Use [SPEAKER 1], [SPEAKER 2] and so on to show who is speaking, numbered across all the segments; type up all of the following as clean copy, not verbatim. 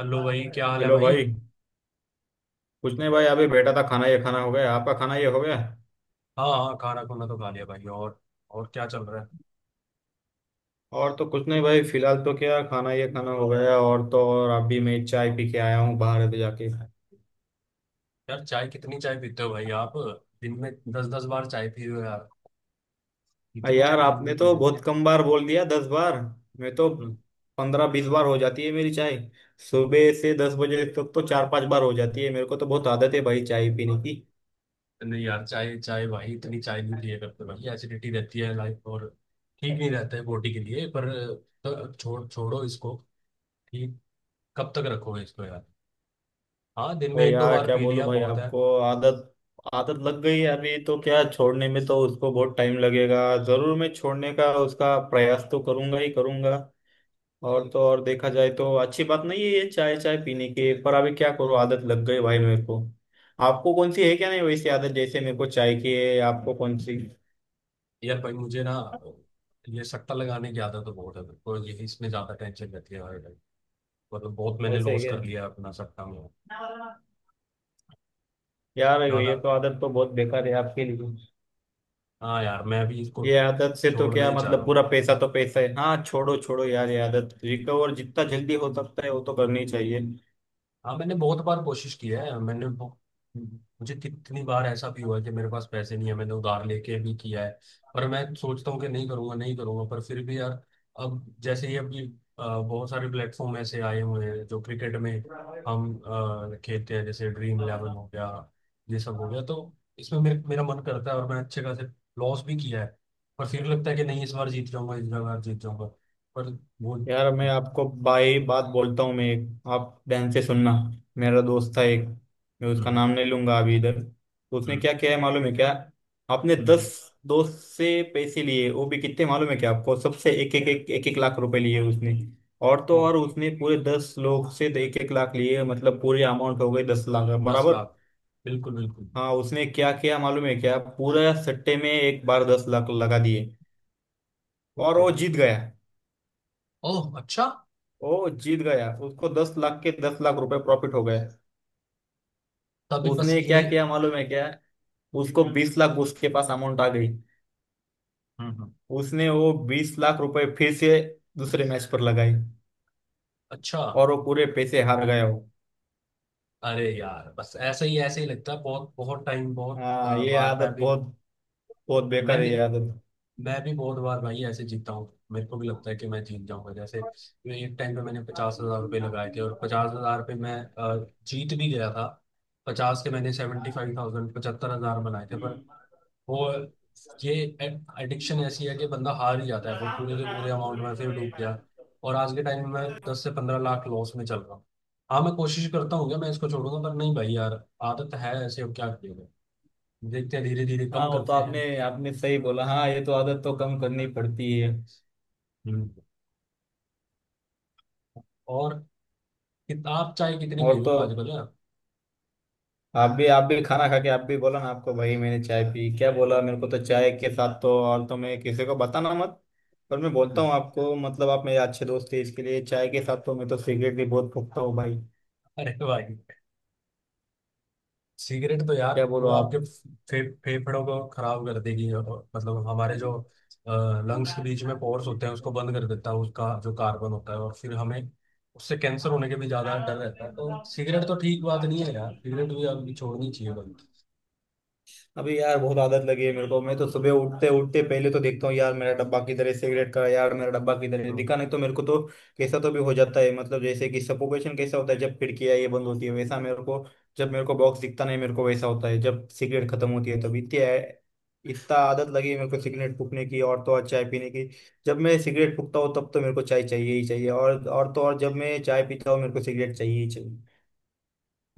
[SPEAKER 1] Hello भाई, क्या हाल है
[SPEAKER 2] हेलो
[SPEAKER 1] भाई?
[SPEAKER 2] भाई। कुछ नहीं भाई, अभी बैठा था। खाना हो गया, आपका खाना ये हो गया?
[SPEAKER 1] हाँ हाँ, खाना खुना तो खा लिया भाई। और क्या चल रहा है?
[SPEAKER 2] और तो कुछ नहीं भाई, फिलहाल तो क्या, खाना हो गया। और तो और अभी मैं चाय पी के आया हूँ, बाहर अभी जाके।
[SPEAKER 1] यार, चाय कितनी चाय पीते हो भाई आप? दिन में दस दस बार चाय पी रहे हो यार। इतनी
[SPEAKER 2] यार
[SPEAKER 1] चाय तो मुझे
[SPEAKER 2] आपने
[SPEAKER 1] पी
[SPEAKER 2] तो
[SPEAKER 1] जाते
[SPEAKER 2] बहुत
[SPEAKER 1] हैं।
[SPEAKER 2] कम बार बोल दिया, 10 बार। मैं तो
[SPEAKER 1] हम्म।
[SPEAKER 2] 15 20 बार हो जाती है मेरी चाय। सुबह से 10 बजे तक तो 4 5 बार हो जाती है। मेरे को तो बहुत आदत है भाई चाय पीने की।
[SPEAKER 1] नहीं यार, चाय चाय भाई इतनी चाय नहीं पिया करते भाई, एसिडिटी रहती है लाइफ और ठीक नहीं रहता है बॉडी के लिए। पर तो छोड़ो इसको। ठीक। कब तक रखोगे इसको यार? हाँ, दिन में
[SPEAKER 2] भाई
[SPEAKER 1] एक दो
[SPEAKER 2] यार
[SPEAKER 1] बार
[SPEAKER 2] क्या
[SPEAKER 1] पी
[SPEAKER 2] बोलूं
[SPEAKER 1] लिया
[SPEAKER 2] भाई
[SPEAKER 1] बहुत है।
[SPEAKER 2] आपको, आदत आदत लग गई है, अभी तो क्या छोड़ने में तो उसको बहुत टाइम लगेगा। जरूर, मैं छोड़ने का उसका प्रयास तो करूंगा ही करूंगा। और तो और देखा जाए तो अच्छी बात नहीं है ये चाय चाय पीने की, पर अभी क्या करूं, आदत लग गई भाई मेरे को। आपको कौन सी है, क्या नहीं, वैसी आदत जैसे मेरे को चाय की है? आपको कौन सी?
[SPEAKER 1] यार भाई मुझे ना, ये सट्टा लगाने की आदत तो बहुत है मेरे को, ये इसमें ज्यादा टेंशन रहती है भाई। मतलब बहुत मैंने
[SPEAKER 2] वैसे है
[SPEAKER 1] लॉस
[SPEAKER 2] क्या?
[SPEAKER 1] कर लिया अपना सट्टा में।
[SPEAKER 2] यार
[SPEAKER 1] ज्यादा।
[SPEAKER 2] ये तो आदत तो बहुत बेकार है आपके लिए।
[SPEAKER 1] हाँ यार, मैं अभी इसको
[SPEAKER 2] ये आदत से तो
[SPEAKER 1] छोड़ना
[SPEAKER 2] क्या
[SPEAKER 1] ही चाह रहा
[SPEAKER 2] मतलब,
[SPEAKER 1] हूँ।
[SPEAKER 2] पूरा पैसा तो पैसा है। हाँ, छोड़ो छोड़ो यार ये आदत, रिकवर जितना जल्दी हो सकता है वो तो करनी चाहिए।
[SPEAKER 1] हाँ मैंने बहुत बार कोशिश की है, मुझे कितनी बार ऐसा भी हुआ है कि मेरे पास पैसे नहीं है, मैंने उधार लेके भी किया है। पर मैं सोचता हूँ कि नहीं करूंगा नहीं करूंगा, पर फिर भी यार, अब जैसे ही अभी बहुत सारे प्लेटफॉर्म ऐसे आए हुए हैं जो क्रिकेट में हम खेलते हैं, जैसे ड्रीम इलेवन हो गया, ये सब हो गया। तो इसमें मेरे मेरा मन करता है और मैं अच्छे खासे लॉस भी किया है। पर फिर लगता है कि नहीं, इस बार जीत जाऊंगा, इस बार जीत जाऊंगा, पर वो
[SPEAKER 2] यार मैं
[SPEAKER 1] हम्म।
[SPEAKER 2] आपको बाई बात बोलता हूँ, मैं एक, आप ध्यान से सुनना। मेरा दोस्त था एक, मैं उसका नाम नहीं लूंगा अभी इधर, तो उसने
[SPEAKER 1] हम्म।
[SPEAKER 2] क्या किया है मालूम है क्या? आपने 10
[SPEAKER 1] हम्म।
[SPEAKER 2] दोस्त से पैसे लिए, वो भी कितने मालूम है क्या आपको, सबसे एक एक एक एक एक लाख रुपए लिए उसने। और तो और उसने पूरे 10 लोग से 1-1 लाख लिए, मतलब पूरी अमाउंट हो गई 10 लाख
[SPEAKER 1] दस
[SPEAKER 2] बराबर।
[SPEAKER 1] लाख बिल्कुल बिल्कुल।
[SPEAKER 2] हाँ उसने क्या किया मालूम है क्या, पूरा सट्टे में एक बार 10 लाख लगा दिए।
[SPEAKER 1] वो
[SPEAKER 2] और वो
[SPEAKER 1] तेरी।
[SPEAKER 2] जीत गया,
[SPEAKER 1] ओह अच्छा।
[SPEAKER 2] वो जीत गया, उसको 10 लाख के 10 लाख रुपए प्रॉफिट हो गए।
[SPEAKER 1] तभी बस
[SPEAKER 2] उसने
[SPEAKER 1] ये।
[SPEAKER 2] क्या किया मालूम है क्या, उसको 20 लाख, उसके पास अमाउंट आ गई।
[SPEAKER 1] हम्म। हम्म।
[SPEAKER 2] उसने वो 20 लाख रुपए फिर से दूसरे मैच पर लगाई,
[SPEAKER 1] अच्छा।
[SPEAKER 2] और वो पूरे पैसे हार गया वो।
[SPEAKER 1] अरे यार, बस ऐसे ही लगता है बहुत बहुत टाइम, बहुत
[SPEAKER 2] हाँ ये
[SPEAKER 1] बार
[SPEAKER 2] आदत
[SPEAKER 1] मैं भी
[SPEAKER 2] बहुत बहुत बेकार है
[SPEAKER 1] मैंने।
[SPEAKER 2] ये आदत।
[SPEAKER 1] मैं भी बहुत बार भाई ऐसे जीता हूँ, मेरे को भी लगता है कि मैं जीत जाऊंगा। जैसे मैं एक टाइम पे मैंने 50 हजार रुपये लगाए थे, और 50 हजार पे मैं जीत भी गया था। 50 के मैंने 75,000 75 हजार बनाए थे। पर वो, ये एडिक्शन ऐसी है कि बंदा हार ही जाता है, वो पूरे के पूरे अमाउंट में फिर डूब गया। और आज के टाइम में मैं 10 से 15 लाख लॉस में चल रहा हूँ। हाँ मैं कोशिश करता हूँ कि मैं इसको छोड़ूंगा, पर नहीं भाई यार, आदत है ऐसे, अब क्या करिएगा। देखते हैं, धीरे धीरे
[SPEAKER 2] हाँ
[SPEAKER 1] कम
[SPEAKER 2] वो तो
[SPEAKER 1] करते
[SPEAKER 2] आपने
[SPEAKER 1] हैं।
[SPEAKER 2] आपने सही बोला। हाँ ये तो आदत तो कम करनी पड़ती है।
[SPEAKER 1] हम्म। और किताब चाहे कितनी पी
[SPEAKER 2] और
[SPEAKER 1] रहे
[SPEAKER 2] तो
[SPEAKER 1] हो आजकल, हाँ?
[SPEAKER 2] आप भी खाना खा के, आप भी बोला ना आपको भाई, मैंने चाय पी क्या बोला मेरे को, तो चाय के साथ तो, और तो मैं किसी को बताना मत, पर मैं बोलता हूँ आपको मतलब आप मेरे अच्छे दोस्त थे इसके लिए, चाय के साथ तो मैं तो सिगरेट भी बहुत फूकता हूँ भाई।
[SPEAKER 1] अरे भाई, सिगरेट तो यार
[SPEAKER 2] क्या बोलो
[SPEAKER 1] पूरा आपके
[SPEAKER 2] आप?
[SPEAKER 1] फेफड़ों को खराब कर देगी। और मतलब हमारे जो लंग्स के बीच में पोर्स होते हैं उसको बंद कर देता है, उसका जो कार्बन होता है। और फिर हमें उससे कैंसर होने के भी ज्यादा डर रहता है। तो सिगरेट तो ठीक बात नहीं है यार, सिगरेट भी आपको छोड़नी चाहिए बंद।
[SPEAKER 2] अभी यार बहुत आदत लगी है मेरे को, मैं तो सुबह उठते उठते पहले तो देखता हूँ यार मेरा डब्बा किधर है, सिगरेट का, यार मेरा डब्बा किधर है,
[SPEAKER 1] हम्म।
[SPEAKER 2] दिखा नहीं तो मेरे को तो कैसा तो भी हो जाता है। मतलब जैसे कि सफोकेशन कैसा होता है जब खिड़कियां ये बंद होती है, वैसा मेरे को जब मेरे को बॉक्स दिखता नहीं मेरे को, वैसा होता है जब सिगरेट खत्म होती है। तब इतनी इतना आदत लगी है मेरे को सिगरेट फूकने की और तो और चाय पीने की। जब मैं सिगरेट फूकता हूँ तब तो मेरे को चाय चाहिए ही चाहिए, और तो और जब मैं चाय पीता हूँ मेरे को सिगरेट चाहिए ही चाहिए।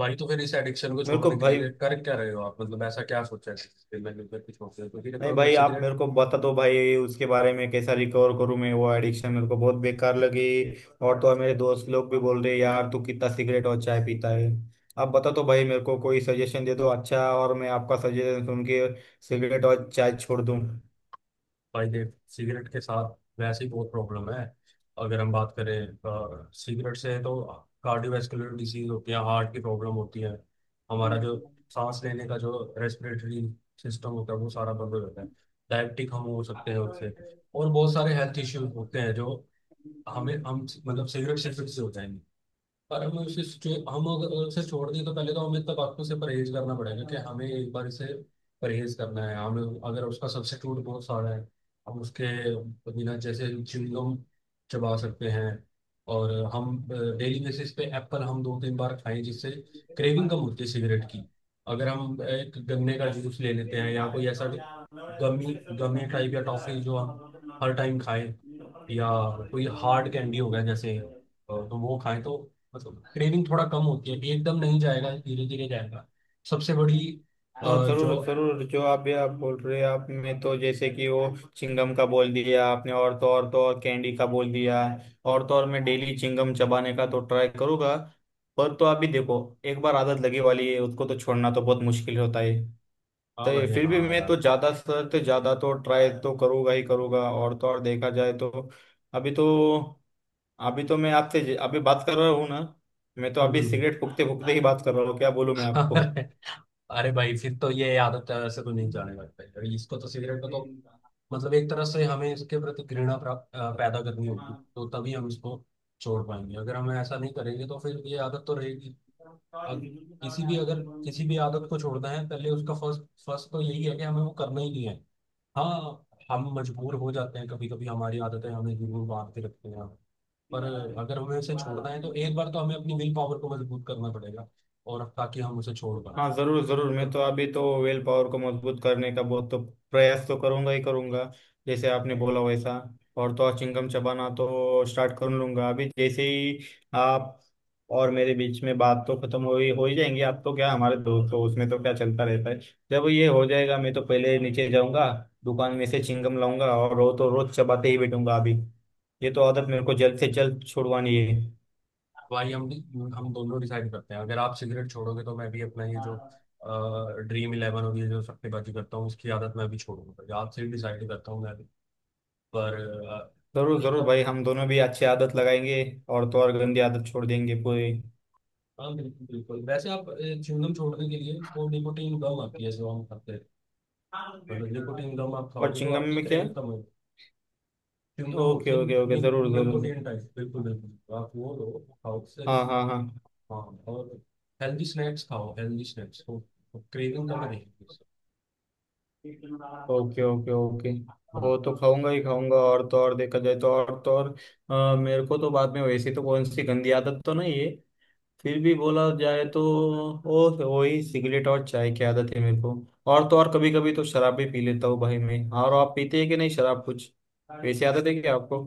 [SPEAKER 1] भाई तो फिर इस एडिक्शन को
[SPEAKER 2] मेरे को
[SPEAKER 1] छोड़ने के
[SPEAKER 2] भाई,
[SPEAKER 1] लिए कर क्या रहे हो आप, मतलब ऐसा क्या सोचा है कि मैं सिगरेट को छोड़ दूं? क्योंकि
[SPEAKER 2] नहीं
[SPEAKER 1] देखो, अगर
[SPEAKER 2] भाई आप
[SPEAKER 1] सिगरेट।
[SPEAKER 2] मेरे को बता दो भाई उसके बारे में, कैसा रिकवर करूं मैं, वो एडिक्शन मेरे को बहुत बेकार लगी। और तो और मेरे दोस्त लोग भी बोल रहे यार तू कितना सिगरेट और चाय पीता है। आप बता दो भाई मेरे को, कोई सजेशन दे दो अच्छा, और मैं आपका सजेशन सुन के सिगरेट और चाय छोड़ दूं।
[SPEAKER 1] भाई देख, सिगरेट के साथ वैसे ही बहुत प्रॉब्लम है। अगर हम बात करें सिगरेट से, तो कार्डियोवैस्कुलर डिजीज होती है, हार्ट की प्रॉब्लम होती है। हमारा जो सांस लेने का जो रेस्पिरेटरी सिस्टम होता है वो सारा बंद हो जाता है। डायबिटिक हम हो सकते हैं उससे। और बहुत सारे हेल्थ इश्यूज होते हैं जो हमें हम मतलब सिगरेट सिगरेट से हो जाएंगे। और हम उसे जो, हम अगर उसे छोड़ दें, तो पहले तो हमें तंबाकू से परहेज करना पड़ेगा, कि हमें एक बार इसे परहेज करना है हमें। अगर उसका सब्स्टिट्यूट बहुत सारा है, हम उसके बिना जैसे च्युइंगम चबा सकते हैं। और हम डेली बेसिस पे एप्पल हम 2-3 बार खाएं, जिससे क्रेविंग कम होती है सिगरेट की। अगर हम एक गन्ने का जूस ले लेते हैं, या कोई ऐसा गमी गमे टाइप या टॉफी जो हम हर टाइम खाएं, या कोई हार्ड कैंडी हो गया जैसे तो वो खाएं, तो मतलब क्रेविंग थोड़ा कम होती है। एकदम नहीं जाएगा, धीरे धीरे जाएगा। सबसे बड़ी
[SPEAKER 2] हाँ जरूर
[SPEAKER 1] जो,
[SPEAKER 2] जरूर, जो आप ये आप बोल रहे हैं आप में, तो जैसे कि वो चिंगम का बोल दिया आपने, और तो और तो और कैंडी का बोल दिया। और तो और मैं डेली चिंगम चबाने का तो ट्राई करूंगा। पर तो अभी देखो, एक बार आदत लगी वाली है उसको तो छोड़ना तो बहुत मुश्किल होता है। तो
[SPEAKER 1] हाँ
[SPEAKER 2] ये
[SPEAKER 1] भाई
[SPEAKER 2] फिर भी
[SPEAKER 1] हाँ
[SPEAKER 2] मैं
[SPEAKER 1] यार।
[SPEAKER 2] तो ज्यादा तो ट्राई तो करूंगा ही करूंगा। और तो और देखा जाए तो अभी तो, अभी तो मैं आपसे अभी बात कर रहा हूँ ना, मैं तो
[SPEAKER 1] हम्म।
[SPEAKER 2] अभी
[SPEAKER 1] हम्म।
[SPEAKER 2] सिगरेट फूकते फूकते ही बात कर रहा हूँ, क्या बोलूँ मैं आपको।
[SPEAKER 1] अरे अरे भाई, फिर तो ये आदत तो ऐसे तो नहीं जाने लगता है। अरे इसको तो, सिगरेट को तो मतलब एक तरह से हमें इसके प्रति घृणा प्राप्त पैदा करनी होगी, तो तभी हम इसको छोड़ पाएंगे। अगर हम ऐसा नहीं करेंगे तो फिर ये आदत तो रहेगी। अब किसी भी अगर किसी भी आदत को छोड़ना है, पहले उसका फर्स्ट फर्स्ट तो यही है कि हमें वो करना ही नहीं है। हाँ। हम मजबूर हो जाते हैं कभी कभी, हमारी आदतें हमें जरूर बांध के रखती हैं। पर अगर हमें उसे छोड़ना है तो एक बार तो हमें अपनी विल पावर को मजबूत करना पड़ेगा, और ताकि हम उसे छोड़ पाए।
[SPEAKER 2] हाँ जरूर जरूर, मैं
[SPEAKER 1] तो
[SPEAKER 2] तो अभी तो वेल पावर को मजबूत करने का बहुत तो प्रयास तो करूंगा ही करूंगा, जैसे आपने बोला वैसा। और तो और चिंगम चबाना तो स्टार्ट कर लूंगा अभी जैसे ही। आप और मेरे बीच में बात तो खत्म हो ही जाएंगी, आप तो क्या हमारे दोस्त हो, उसमें तो क्या चलता रहता है। जब ये हो जाएगा मैं तो पहले नीचे जाऊंगा, दुकान में से चिंगम लाऊंगा, और रोज तो रोज चबाते ही बैठूंगा अभी। ये तो आदत मेरे को जल्द से जल्द छुड़वानी है।
[SPEAKER 1] भाई हम दोनों डिसाइड करते हैं, अगर आप सिगरेट छोड़ोगे तो मैं भी अपना ये जो ड्रीम इलेवन और ये जो सट्टेबाजी करता हूँ उसकी आदत मैं भी छोड़ूंगा, तो आपसे ही डिसाइड करता हूँ मैं भी। पर अ,
[SPEAKER 2] जरूर
[SPEAKER 1] एक
[SPEAKER 2] जरूर
[SPEAKER 1] आप।
[SPEAKER 2] भाई, हम दोनों भी अच्छी आदत लगाएंगे, और तो और गंदी आदत छोड़ देंगे पूरी।
[SPEAKER 1] हाँ बिल्कुल बिल्कुल। वैसे आप च्युइंगम छोड़ने के लिए वो निकोटीन गम आती है जो हम खाते हैं, मतलब निकोटीन गम आप
[SPEAKER 2] और
[SPEAKER 1] खाओगे तो
[SPEAKER 2] चिंगम
[SPEAKER 1] आपकी
[SPEAKER 2] में क्या है?
[SPEAKER 1] क्रेविंग कम होगी। च्युइंगम होती
[SPEAKER 2] ओके
[SPEAKER 1] है
[SPEAKER 2] ओके ओके,
[SPEAKER 1] नि,
[SPEAKER 2] जरूर जरूर।
[SPEAKER 1] Nicotine type. बिल्कुल बिल्कुल, तो आप वो लो, वो खाओ उससे।
[SPEAKER 2] हाँ हाँ हाँ।
[SPEAKER 1] हाँ। और हेल्दी स्नैक्स खाओ, हेल्दी स्नैक्स तो क्रेविंग कम रहेगी उससे।
[SPEAKER 2] Okay okay okay.
[SPEAKER 1] हम्म।
[SPEAKER 2] वो तो खाऊंगा ही खाऊंगा, और तो और देखा जाए तो और तो और, मेरे को तो बाद में वैसी तो कौन सी गंदी आदत तो नहीं है। फिर भी बोला जाए तो वो वही सिगरेट और चाय की आदत है मेरे को, और तो और कभी कभी तो शराब भी पी लेता हूँ भाई मैं। और आप पीते हैं कि नहीं शराब, कुछ वैसी आदत है क्या आपको?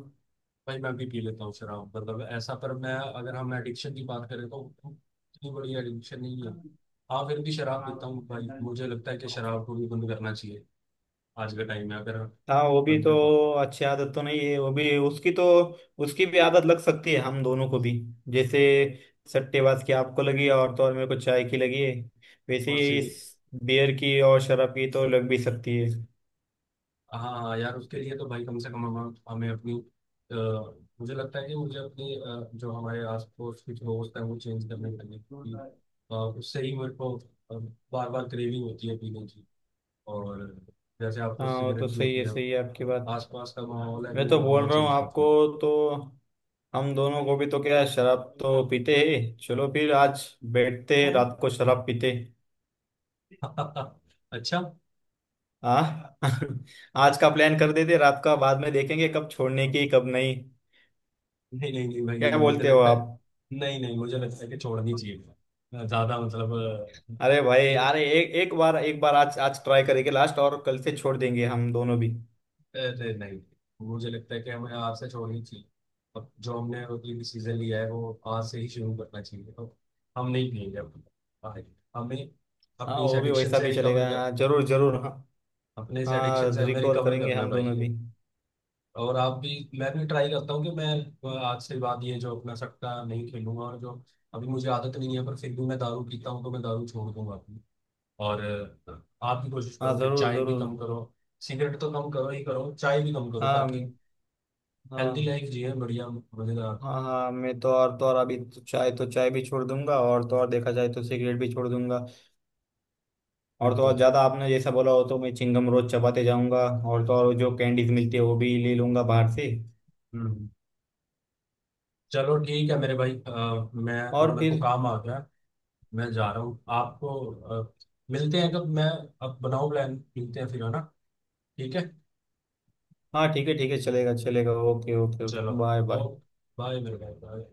[SPEAKER 1] भाई मैं भी पी लेता हूँ शराब, मतलब ऐसा पर मैं, अगर हम एडिक्शन की बात करें तो, इतनी बड़ी एडिक्शन नहीं है। हाँ, फिर भी शराब पीता हूँ भाई, मुझे लगता है कि शराब को भी बंद करना चाहिए आज के टाइम में। अगर
[SPEAKER 2] हाँ वो भी तो
[SPEAKER 1] बंदे को।
[SPEAKER 2] अच्छी आदत तो नहीं है वो भी, उसकी तो, उसकी भी आदत लग सकती है हम दोनों को भी, जैसे सट्टेबाज की आपको लगी और तो और मेरे को चाय की लगी है, वैसे
[SPEAKER 1] और
[SPEAKER 2] ही
[SPEAKER 1] सिगरेट।
[SPEAKER 2] इस बियर की और शराब की तो लग भी सकती है।
[SPEAKER 1] हाँ हाँ, यार उसके लिए तो भाई कम से कम हम हमें अपनी अ, मुझे लगता है कि मुझे अपनी जो हमारे आस पड़ोस के जो दोस्त हैं वो चेंज करने करने की उससे ही मेरे को बार बार क्रेविंग होती है पीने की। और जैसे आपको
[SPEAKER 2] हाँ वो तो
[SPEAKER 1] सिगरेट की होती है,
[SPEAKER 2] सही है आपकी बात।
[SPEAKER 1] आसपास का माहौल है
[SPEAKER 2] मैं तो
[SPEAKER 1] वो हमें
[SPEAKER 2] बोल रहा हूँ
[SPEAKER 1] चेंज
[SPEAKER 2] आपको,
[SPEAKER 1] करना।
[SPEAKER 2] तो हम दोनों को भी तो क्या है, शराब तो पीते हैं, चलो फिर आज बैठते हैं रात को शराब पीते हैं।
[SPEAKER 1] हाँ। अच्छा।
[SPEAKER 2] हाँ। आज का प्लान कर देते हैं, रात का बाद में देखेंगे कब छोड़ने की, कब नहीं।
[SPEAKER 1] नहीं नहीं नहीं भाई,
[SPEAKER 2] क्या
[SPEAKER 1] मुझे
[SPEAKER 2] बोलते हो
[SPEAKER 1] लगता है,
[SPEAKER 2] आप?
[SPEAKER 1] नहीं नहीं, मुझे लगता है कि छोड़नी चाहिए ज्यादा, मतलब अ,
[SPEAKER 2] अरे भाई
[SPEAKER 1] ये।
[SPEAKER 2] अरे, एक एक बार आज आज ट्राई करेंगे लास्ट, और कल से छोड़ देंगे हम दोनों भी।
[SPEAKER 1] अरे नहीं, मुझे लगता है कि हमें आज से छोड़नी चाहिए। अब जो हमने अगली भी सीजन लिया है वो आज से ही शुरू करना चाहिए, तो हम नहीं पियेंगे अब भाई। हमें
[SPEAKER 2] हाँ
[SPEAKER 1] अपनी इस
[SPEAKER 2] वो भी
[SPEAKER 1] एडिक्शन
[SPEAKER 2] वैसा
[SPEAKER 1] से
[SPEAKER 2] भी
[SPEAKER 1] रिकवर
[SPEAKER 2] चलेगा,
[SPEAKER 1] कर,
[SPEAKER 2] हाँ जरूर जरूर हाँ।
[SPEAKER 1] अपने इस एडिक्शन
[SPEAKER 2] हाँ
[SPEAKER 1] से हमें
[SPEAKER 2] रिकवर
[SPEAKER 1] रिकवर
[SPEAKER 2] करेंगे
[SPEAKER 1] करना है
[SPEAKER 2] हम दोनों
[SPEAKER 1] भाई।
[SPEAKER 2] भी।
[SPEAKER 1] और आप भी, मैं भी ट्राई करता हूँ कि मैं आज से बाद ये जो अपना सट्टा नहीं खेलूंगा। और जो अभी मुझे आदत नहीं है पर फिर भी मैं दारू पीता हूँ, तो मैं दारू छोड़ दूंगा अपनी। और आप भी कोशिश
[SPEAKER 2] हाँ
[SPEAKER 1] करो कि
[SPEAKER 2] जरूर
[SPEAKER 1] चाय भी
[SPEAKER 2] जरूर।
[SPEAKER 1] कम करो, सिगरेट तो कम करो ही करो, चाय भी कम करो,
[SPEAKER 2] हाँ
[SPEAKER 1] ताकि हेल्दी
[SPEAKER 2] हाँ
[SPEAKER 1] लाइफ जिए, बढ़िया मजेदार।
[SPEAKER 2] हाँ। हाँ मैं तो और अभी तो चाय भी छोड़ दूंगा, और तो और देखा जाए तो सिगरेट भी छोड़ दूंगा। और तो और
[SPEAKER 1] बिल्कुल भी।
[SPEAKER 2] ज़्यादा आपने जैसा बोला हो तो मैं चिंगम रोज चबाते जाऊंगा, और तो और जो कैंडीज मिलती है वो भी ले लूंगा बाहर से।
[SPEAKER 1] हम्म। चलो ठीक है मेरे भाई, मैं थोड़ा,
[SPEAKER 2] और
[SPEAKER 1] मेरे को
[SPEAKER 2] फिर,
[SPEAKER 1] काम आ गया, मैं जा रहा हूँ आपको। अ, मिलते हैं कब? मैं, अब बनाओ प्लान, मिलते हैं फिर, है ना? ठीक है।
[SPEAKER 2] हाँ ठीक है ठीक है, चलेगा चलेगा, ओके ओके।
[SPEAKER 1] चलो।
[SPEAKER 2] Bye bye.
[SPEAKER 1] ओके। बाय मेरे भाई, बाय।